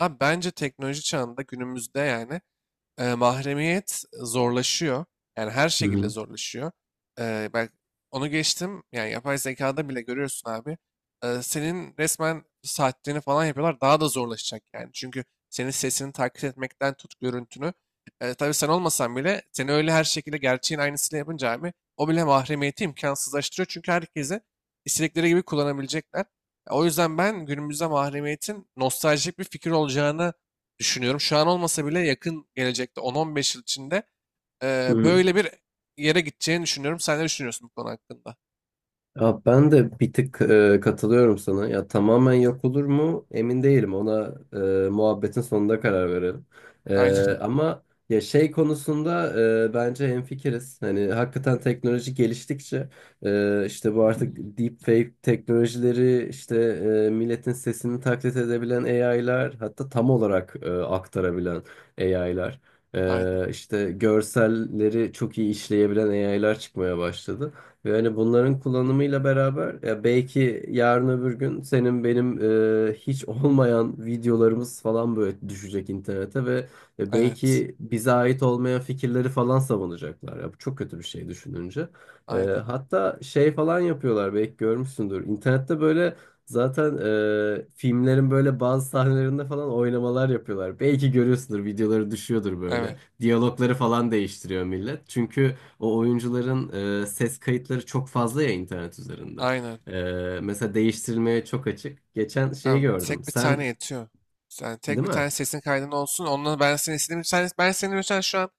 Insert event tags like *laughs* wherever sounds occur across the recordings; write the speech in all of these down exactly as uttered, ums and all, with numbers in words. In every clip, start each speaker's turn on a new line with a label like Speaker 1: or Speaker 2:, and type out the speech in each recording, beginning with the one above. Speaker 1: Abi bence teknoloji çağında günümüzde yani e, mahremiyet zorlaşıyor. Yani her
Speaker 2: Hı
Speaker 1: şekilde
Speaker 2: hı.
Speaker 1: zorlaşıyor. E, ben onu geçtim. Yani yapay zekada bile görüyorsun abi. E, senin resmen saatlerini falan yapıyorlar. Daha da zorlaşacak yani. Çünkü senin sesini taklit etmekten tut görüntünü. E, tabii sen olmasan bile seni öyle her şekilde gerçeğin aynısını yapınca abi o bile mahremiyeti imkansızlaştırıyor. Çünkü herkese istedikleri gibi kullanabilecekler. O yüzden ben günümüzde mahremiyetin nostaljik bir fikir olacağını düşünüyorum. Şu an olmasa bile yakın gelecekte on on beş yıl içinde
Speaker 2: Hı
Speaker 1: eee,
Speaker 2: hı.
Speaker 1: böyle bir yere gideceğini düşünüyorum. Sen ne düşünüyorsun bu konu hakkında?
Speaker 2: Ya ben de bir tık e, katılıyorum sana. Ya tamamen yok olur mu? Emin değilim. Ona e, muhabbetin sonunda karar verelim. E,
Speaker 1: Aynen,
Speaker 2: ama ya şey konusunda e, bence hemfikiriz. Hani hakikaten teknoloji geliştikçe e, işte bu artık deepfake teknolojileri işte e, milletin sesini taklit edebilen A I'lar, hatta tam olarak e, aktarabilen A I'lar,
Speaker 1: *laughs* aynen.
Speaker 2: e, işte görselleri çok iyi işleyebilen A I'lar çıkmaya başladı. Ve hani bunların kullanımıyla beraber ya belki yarın öbür gün senin benim e, hiç olmayan videolarımız falan böyle düşecek internete ve e,
Speaker 1: Evet,
Speaker 2: belki bize ait olmayan fikirleri falan savunacaklar. Ya bu çok kötü bir şey düşününce. E,
Speaker 1: aynen,
Speaker 2: hatta şey falan yapıyorlar, belki görmüşsündür. İnternette böyle zaten e, filmlerin böyle bazı sahnelerinde falan oynamalar yapıyorlar. Belki görüyorsundur, videoları düşüyordur böyle.
Speaker 1: evet,
Speaker 2: Diyalogları falan değiştiriyor millet. Çünkü o oyuncuların e, ses kayıtları çok fazla ya internet üzerinde.
Speaker 1: aynen.
Speaker 2: E, mesela değiştirilmeye çok açık. Geçen şeyi
Speaker 1: Tamam,
Speaker 2: gördüm.
Speaker 1: tek bir
Speaker 2: Sen
Speaker 1: tane yetiyor. Sen tek
Speaker 2: değil
Speaker 1: bir
Speaker 2: mi?
Speaker 1: tane sesin kaydın olsun. Onunla ben seni istediğim sen, ben seni mesela şu an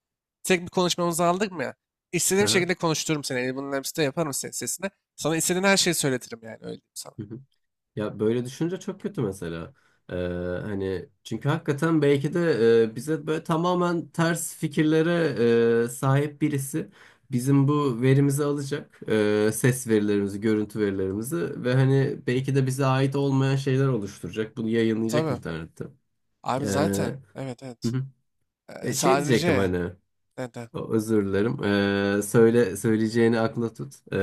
Speaker 1: tek bir konuşmamızı aldık mı ya? İstediğim
Speaker 2: Aha.
Speaker 1: şekilde konuştururum seni. Elbinin hepsini yaparım senin sesine. Sana istediğin her şeyi söyletirim yani öyle diyeyim sana.
Speaker 2: Hı hı. Ya böyle düşünce çok kötü mesela. E, Hani çünkü hakikaten belki de e, bize böyle tamamen ters fikirlere e, sahip birisi bizim bu verimizi alacak. E, ses verilerimizi, görüntü verilerimizi ve hani belki de bize ait olmayan şeyler oluşturacak. Bunu yayınlayacak
Speaker 1: Tabii.
Speaker 2: internette. E,
Speaker 1: Abi
Speaker 2: hı
Speaker 1: zaten evet evet.
Speaker 2: hı.
Speaker 1: Ee,
Speaker 2: E, şey diyecektim,
Speaker 1: sadece
Speaker 2: hani
Speaker 1: neden?
Speaker 2: o- özür dilerim. Ee, söyle söyleyeceğini, akla tut. Ee,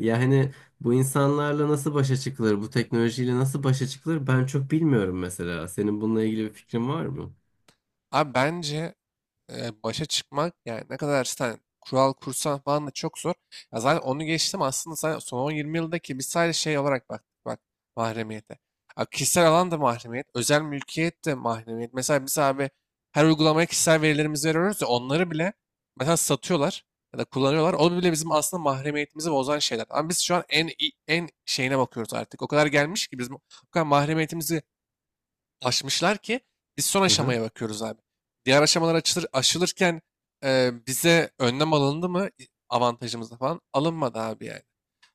Speaker 2: Ya hani bu insanlarla nasıl başa çıkılır? Bu teknolojiyle nasıl başa çıkılır? Ben çok bilmiyorum mesela. Senin bununla ilgili bir fikrin var mı?
Speaker 1: Abi bence e, başa çıkmak yani ne kadar sen kural kursan falan da çok zor. Ya zaten onu geçtim aslında sen son on yirmi yıldaki biz sadece şey olarak baktık bak mahremiyete. Ya kişisel alan da mahremiyet, özel mülkiyet de mahremiyet. Mesela biz abi her uygulamaya kişisel verilerimizi veriyoruz ya onları bile mesela satıyorlar ya da kullanıyorlar. O bile bizim aslında mahremiyetimizi bozan şeyler. Ama biz şu an en en şeyine bakıyoruz artık. O kadar gelmiş ki bizim o kadar mahremiyetimizi aşmışlar ki biz son
Speaker 2: Hı hı.
Speaker 1: aşamaya bakıyoruz abi. Diğer aşamalar açılır, aşılırken e, bize önlem alındı mı avantajımızda falan alınmadı abi yani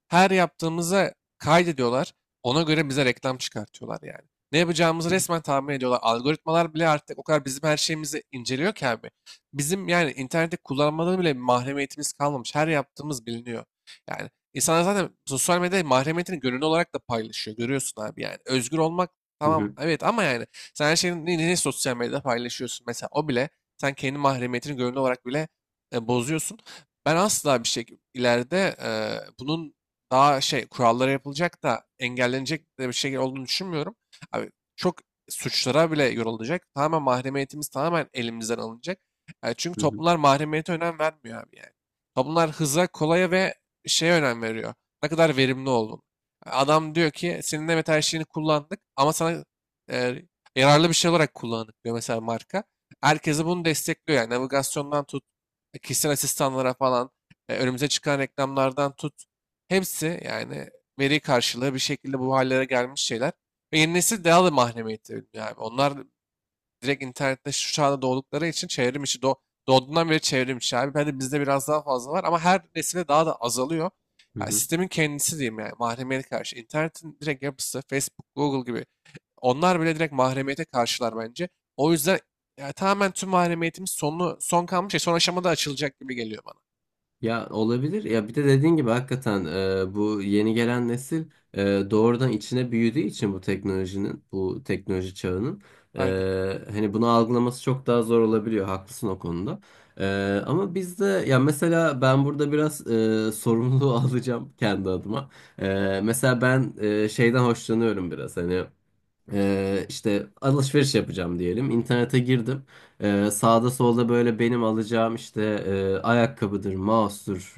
Speaker 1: her yaptığımıza kaydediyorlar. Ona göre bize reklam çıkartıyorlar yani. Ne yapacağımızı resmen tahmin ediyorlar. Algoritmalar bile artık o kadar bizim her şeyimizi inceliyor ki abi. Bizim yani internette kullanmadan bile mahremiyetimiz kalmamış. Her yaptığımız biliniyor. Yani insanlar zaten sosyal medyada mahremiyetini gönüllü olarak da paylaşıyor. Görüyorsun abi yani. Özgür olmak
Speaker 2: Hı
Speaker 1: tamam
Speaker 2: hı.
Speaker 1: evet ama yani sen her şeyini ne ne sosyal medyada paylaşıyorsun? Mesela o bile sen kendi mahremiyetini gönüllü olarak bile e, bozuyorsun. Ben asla bir şey ileride e, bunun daha şey kurallara yapılacak da engellenecek de bir şey olduğunu düşünmüyorum. Abi çok suçlara bile yorulacak. Tamamen mahremiyetimiz tamamen elimizden alınacak. Yani çünkü
Speaker 2: Hı hı.
Speaker 1: toplumlar mahremiyete önem vermiyor abi yani. Toplumlar hıza, kolaya ve şeye önem veriyor. Ne kadar verimli oldun. Adam diyor ki senin evet her şeyini kullandık ama sana e, yararlı bir şey olarak kullandık diyor mesela marka. Herkesi bunu destekliyor yani navigasyondan tut, e, kişisel asistanlara falan, e, önümüze çıkan reklamlardan tut, hepsi yani veri karşılığı bir şekilde bu hallere gelmiş şeyler. Ve yeni nesil daha da mahremiyetli ölümlü abi. Onlar direkt internette şu çağda doğdukları için çevrim içi doğ- doğduğundan beri çevrim içi abi. Bence bizde biraz daha fazla var ama her nesile daha da azalıyor.
Speaker 2: Hı
Speaker 1: Yani
Speaker 2: hı.
Speaker 1: sistemin kendisi diyeyim yani mahremiyete karşı. İnternetin direkt yapısı Facebook, Google gibi onlar bile direkt mahremiyete karşılar bence. O yüzden yani tamamen tüm mahremiyetimiz sonu, son kalmış şey son aşamada açılacak gibi geliyor bana.
Speaker 2: Ya olabilir. Ya bir de dediğin gibi hakikaten e, bu yeni gelen nesil e, doğrudan içine büyüdüğü için bu teknolojinin, bu teknoloji çağının
Speaker 1: Aynen.
Speaker 2: e, hani bunu algılaması çok daha zor olabiliyor. Haklısın o konuda. E, Ama biz de ya mesela ben burada biraz e, sorumluluğu *laughs* alacağım kendi adıma. E, mesela ben e, şeyden hoşlanıyorum biraz hani. Ee, işte alışveriş yapacağım diyelim. İnternete girdim. Ee, sağda solda böyle benim alacağım işte e, ayakkabıdır, mouse'dur,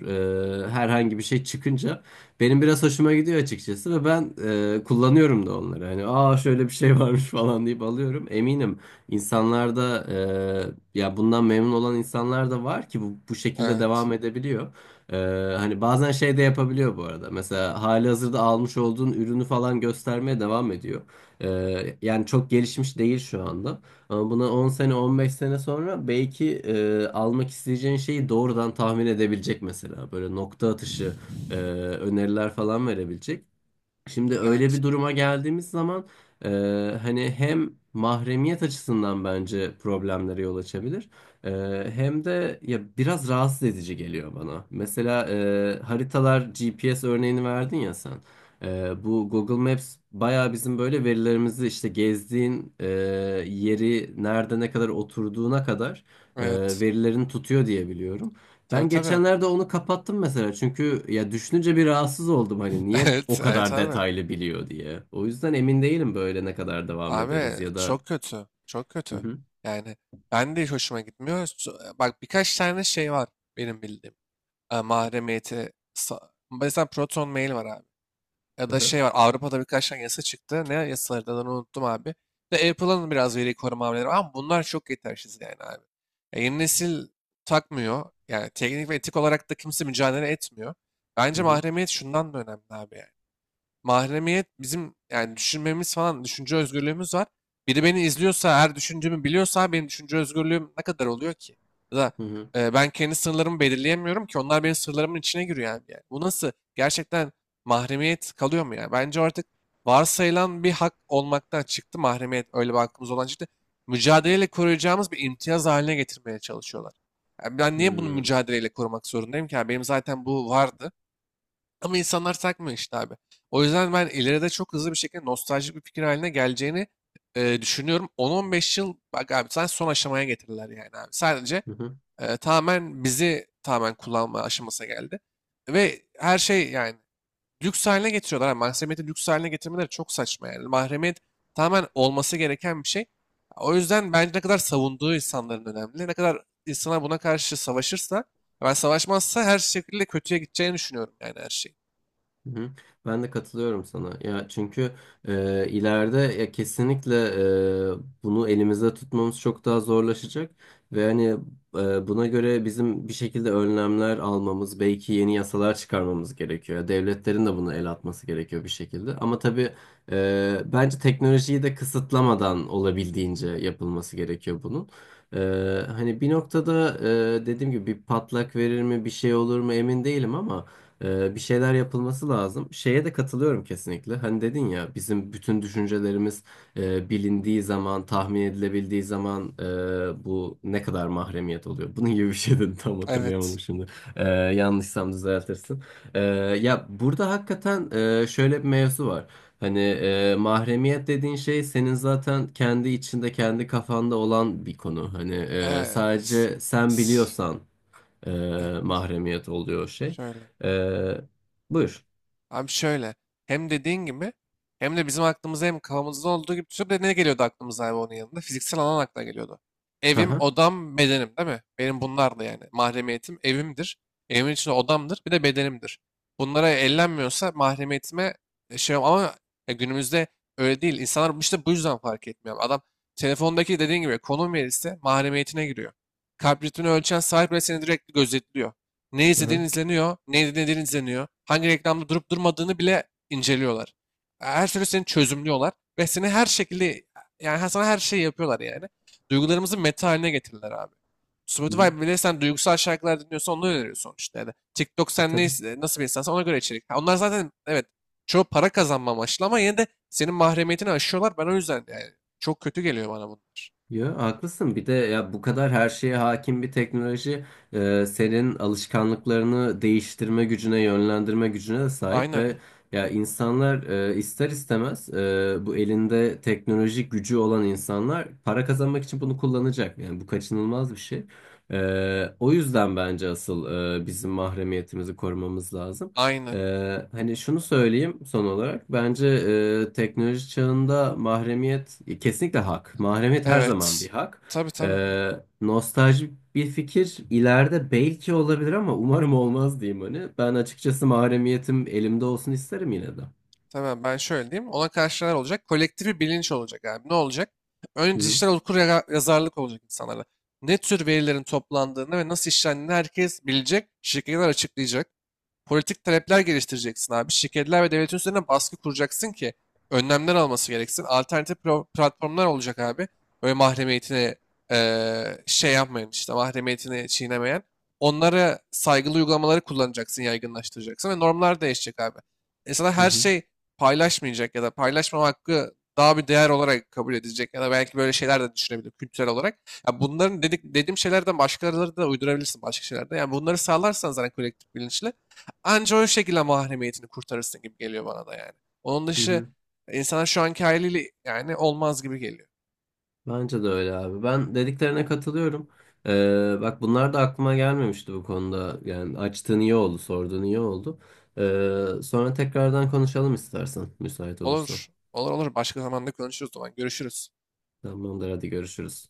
Speaker 2: e, herhangi bir şey çıkınca benim biraz hoşuma gidiyor açıkçası ve ben e, kullanıyorum da onları. Hani aa şöyle bir şey *laughs* varmış falan deyip alıyorum. Eminim insanlarda e, ya bundan memnun olan insanlar da var ki bu, bu şekilde
Speaker 1: Evet.
Speaker 2: devam edebiliyor. Ee, Hani bazen şey de yapabiliyor bu arada. Mesela hali hazırda almış olduğun ürünü falan göstermeye devam ediyor. Ee, yani çok gelişmiş değil şu anda. Ama buna on sene on beş sene sonra belki e, almak isteyeceğin şeyi doğrudan tahmin edebilecek mesela. Böyle nokta atışı e, öneriler falan verebilecek. Şimdi öyle
Speaker 1: Evet.
Speaker 2: bir duruma geldiğimiz zaman e, hani hem mahremiyet açısından bence problemlere yol açabilir. E, Hem de ya biraz rahatsız edici geliyor bana. Mesela e, haritalar, G P S örneğini verdin ya sen. E, bu Google Maps bayağı bizim böyle verilerimizi, işte gezdiğin e, yeri, nerede ne kadar oturduğuna kadar e,
Speaker 1: Evet.
Speaker 2: verilerini tutuyor diye biliyorum.
Speaker 1: Tabii
Speaker 2: Ben
Speaker 1: tabii.
Speaker 2: geçenlerde onu kapattım mesela çünkü ya düşününce bir rahatsız oldum, hani niye o
Speaker 1: Evet, evet
Speaker 2: kadar
Speaker 1: abi.
Speaker 2: detaylı biliyor diye. O yüzden emin değilim böyle ne kadar devam
Speaker 1: Abi
Speaker 2: ederiz ya da.
Speaker 1: çok kötü. Çok
Speaker 2: Hı
Speaker 1: kötü.
Speaker 2: hı.
Speaker 1: Yani ben de hiç hoşuma gitmiyor. Su- e, Bak birkaç tane şey var benim bildiğim. E, mahremiyeti. sa- Mesela Proton Mail var abi. Ya
Speaker 2: Hı
Speaker 1: da
Speaker 2: hı.
Speaker 1: şey var Avrupa'da birkaç tane yasa çıktı. Ne yasaları da onu unuttum abi. Ve Apple'ın biraz veri koruma hamleleri var ama bunlar çok yetersiz yani abi. Ya yeni nesil takmıyor. Yani teknik ve etik olarak da kimse mücadele etmiyor.
Speaker 2: Hı
Speaker 1: Bence
Speaker 2: hı.
Speaker 1: mahremiyet şundan da önemli abi yani. Mahremiyet bizim yani düşünmemiz falan düşünce özgürlüğümüz var. Biri beni izliyorsa, her düşündüğümü biliyorsa benim düşünce özgürlüğüm ne kadar oluyor ki? Ya da
Speaker 2: Hı
Speaker 1: e, ben kendi sınırlarımı belirleyemiyorum ki onlar benim sınırlarımın içine giriyor abi yani. Bu nasıl? Gerçekten mahremiyet kalıyor mu yani? Bence artık varsayılan bir hak olmaktan çıktı mahremiyet öyle bir hakkımız olan çıktı. Mücadeleyle koruyacağımız bir imtiyaz haline getirmeye çalışıyorlar. Yani ben niye bunu
Speaker 2: hı.
Speaker 1: mücadeleyle korumak zorundayım ki? Yani benim zaten bu vardı. Ama insanlar takmıyor işte abi. O yüzden ben ileride çok hızlı bir şekilde nostaljik bir fikir haline geleceğini e, düşünüyorum. on on beş yıl bak abi sen son aşamaya getirirler yani abi. Sadece
Speaker 2: Hı hı.
Speaker 1: e, tamamen bizi tamamen kullanma aşamasına geldi. Ve her şey yani lüks haline getiriyorlar. Yani mahremiyeti lüks haline getirmeleri çok saçma yani. Mahremiyet tamamen olması gereken bir şey. O yüzden bence ne kadar savunduğu insanların önemli. Ne kadar insanlar buna karşı savaşırsa, ben savaşmazsa her şekilde kötüye gideceğini düşünüyorum yani her şey.
Speaker 2: Hı hı. Ben de katılıyorum sana. Ya çünkü e, ileride ya kesinlikle e, bunu elimizde tutmamız çok daha zorlaşacak ve hani e, buna göre bizim bir şekilde önlemler almamız, belki yeni yasalar çıkarmamız gerekiyor. Ya devletlerin de buna el atması gerekiyor bir şekilde. Ama tabii e, bence teknolojiyi de kısıtlamadan olabildiğince yapılması gerekiyor bunun. E, Hani bir noktada e, dediğim gibi bir patlak verir mi, bir şey olur mu emin değilim ama. Ee, bir şeyler yapılması lazım. Şeye de katılıyorum kesinlikle. Hani dedin ya bizim bütün düşüncelerimiz e, bilindiği zaman, tahmin edilebildiği zaman e, bu ne kadar mahremiyet oluyor. Bunun gibi bir şey dedim, *laughs* tam
Speaker 1: Evet.
Speaker 2: hatırlayamadım şimdi. Ee, yanlışsam düzeltirsin. Ee, Ya burada hakikaten e, şöyle bir mevzu var. Hani e, mahremiyet dediğin şey senin zaten kendi içinde, kendi kafanda olan bir konu. Hani e,
Speaker 1: Eee, s-
Speaker 2: sadece sen
Speaker 1: s-
Speaker 2: biliyorsan e,
Speaker 1: eh,
Speaker 2: mahremiyet oluyor o şey.
Speaker 1: şöyle.
Speaker 2: E, Buyur.
Speaker 1: Abi şöyle. Hem dediğin gibi hem de bizim aklımıza hem kafamızda olduğu gibi tutup da ne geliyordu aklımıza abi onun yanında? Fiziksel alan akla geliyordu.
Speaker 2: Hı
Speaker 1: Evim,
Speaker 2: hı.
Speaker 1: odam, bedenim değil mi? Benim bunlar da yani. Mahremiyetim evimdir. Evimin içinde odamdır. Bir de bedenimdir. Bunlara ellenmiyorsa mahremiyetime e, şey ama ya günümüzde öyle değil. İnsanlar işte bu yüzden fark etmiyor. Adam telefondaki dediğin gibi konum verirse mahremiyetine giriyor. Kalp ritmini ölçen sahip bile seni direkt gözetliyor. Ne
Speaker 2: Hı
Speaker 1: izlediğin
Speaker 2: hı.
Speaker 1: izleniyor, ne dinlediğin izleniyor, hangi reklamda durup durmadığını bile inceliyorlar. Her türlü seni çözümlüyorlar ve seni her şekilde yani sana her şeyi yapıyorlar yani. Duygularımızı meta haline getirdiler abi.
Speaker 2: Hı. Hı.
Speaker 1: Spotify bile sen duygusal şarkılar dinliyorsan onu öneriyor sonuçta. Yani TikTok
Speaker 2: E,
Speaker 1: sen ne,
Speaker 2: tabii.
Speaker 1: nasıl bir insansan ona göre içerik. Ha, onlar zaten evet çoğu para kazanma amaçlı ama yine de senin mahremiyetini aşıyorlar. Ben o yüzden yani çok kötü geliyor bana bunlar.
Speaker 2: Yo, haklısın. Bir de ya bu kadar her şeye hakim bir teknoloji e, senin alışkanlıklarını değiştirme gücüne, yönlendirme gücüne de sahip
Speaker 1: Aynen.
Speaker 2: ve ya insanlar e, ister istemez e, bu elinde teknolojik gücü olan insanlar para kazanmak için bunu kullanacak. Yani bu kaçınılmaz bir şey. E, o yüzden bence asıl e, bizim mahremiyetimizi korumamız lazım.
Speaker 1: Aynen.
Speaker 2: Ee, hani şunu söyleyeyim son olarak. Bence e, teknoloji çağında mahremiyet e, kesinlikle hak. Mahremiyet her zaman
Speaker 1: Evet.
Speaker 2: bir hak.
Speaker 1: Tabii tabii.
Speaker 2: Ee, Nostalji bir fikir ileride belki olabilir ama umarım olmaz, diyeyim hani. Ben açıkçası mahremiyetim elimde olsun isterim yine de.
Speaker 1: Tamam ben şöyle diyeyim. Ona karşı neler olacak? Kolektif bir bilinç olacak abi. Ne olacak?
Speaker 2: Hı
Speaker 1: Önce
Speaker 2: hı,
Speaker 1: dijital okur yaga- yazarlık olacak insanlara. Ne tür verilerin toplandığını ve nasıl işlendiğini herkes bilecek. Şirketler açıklayacak. Politik talepler geliştireceksin abi. Şirketler ve devletin üzerine baskı kuracaksın ki önlemler alması gereksin. Alternatif pro- platformlar olacak abi. Böyle mahremiyetine eee, şey yapmayan işte mahremiyetini çiğnemeyen. Onlara saygılı uygulamaları kullanacaksın, yaygınlaştıracaksın ve normlar değişecek abi. İnsanlar
Speaker 2: hı
Speaker 1: her
Speaker 2: hı.
Speaker 1: şey paylaşmayacak ya da paylaşmama hakkı daha bir değer olarak kabul edilecek ya da belki böyle şeyler de düşünebilir kültürel olarak. Ya bunların dedik, dediğim şeylerden başkaları da uydurabilirsin başka şeylerde. Yani bunları sağlarsan zaten kolektif bilinçle anca o şekilde mahremiyetini kurtarırsın gibi geliyor bana da yani. Onun
Speaker 2: Hı
Speaker 1: dışı
Speaker 2: hı.
Speaker 1: insanlar şu anki haliyle yani olmaz gibi geliyor.
Speaker 2: Bence de öyle abi. Ben dediklerine katılıyorum. Ee, bak bunlar da aklıma gelmemişti bu konuda. Yani açtığın iyi oldu, sorduğun iyi oldu. Ee, sonra tekrardan konuşalım istersen, müsait olursan.
Speaker 1: Olur. Olur olur. Başka zamanda konuşuruz o zaman. Görüşürüz.
Speaker 2: Tamamdır, hadi görüşürüz.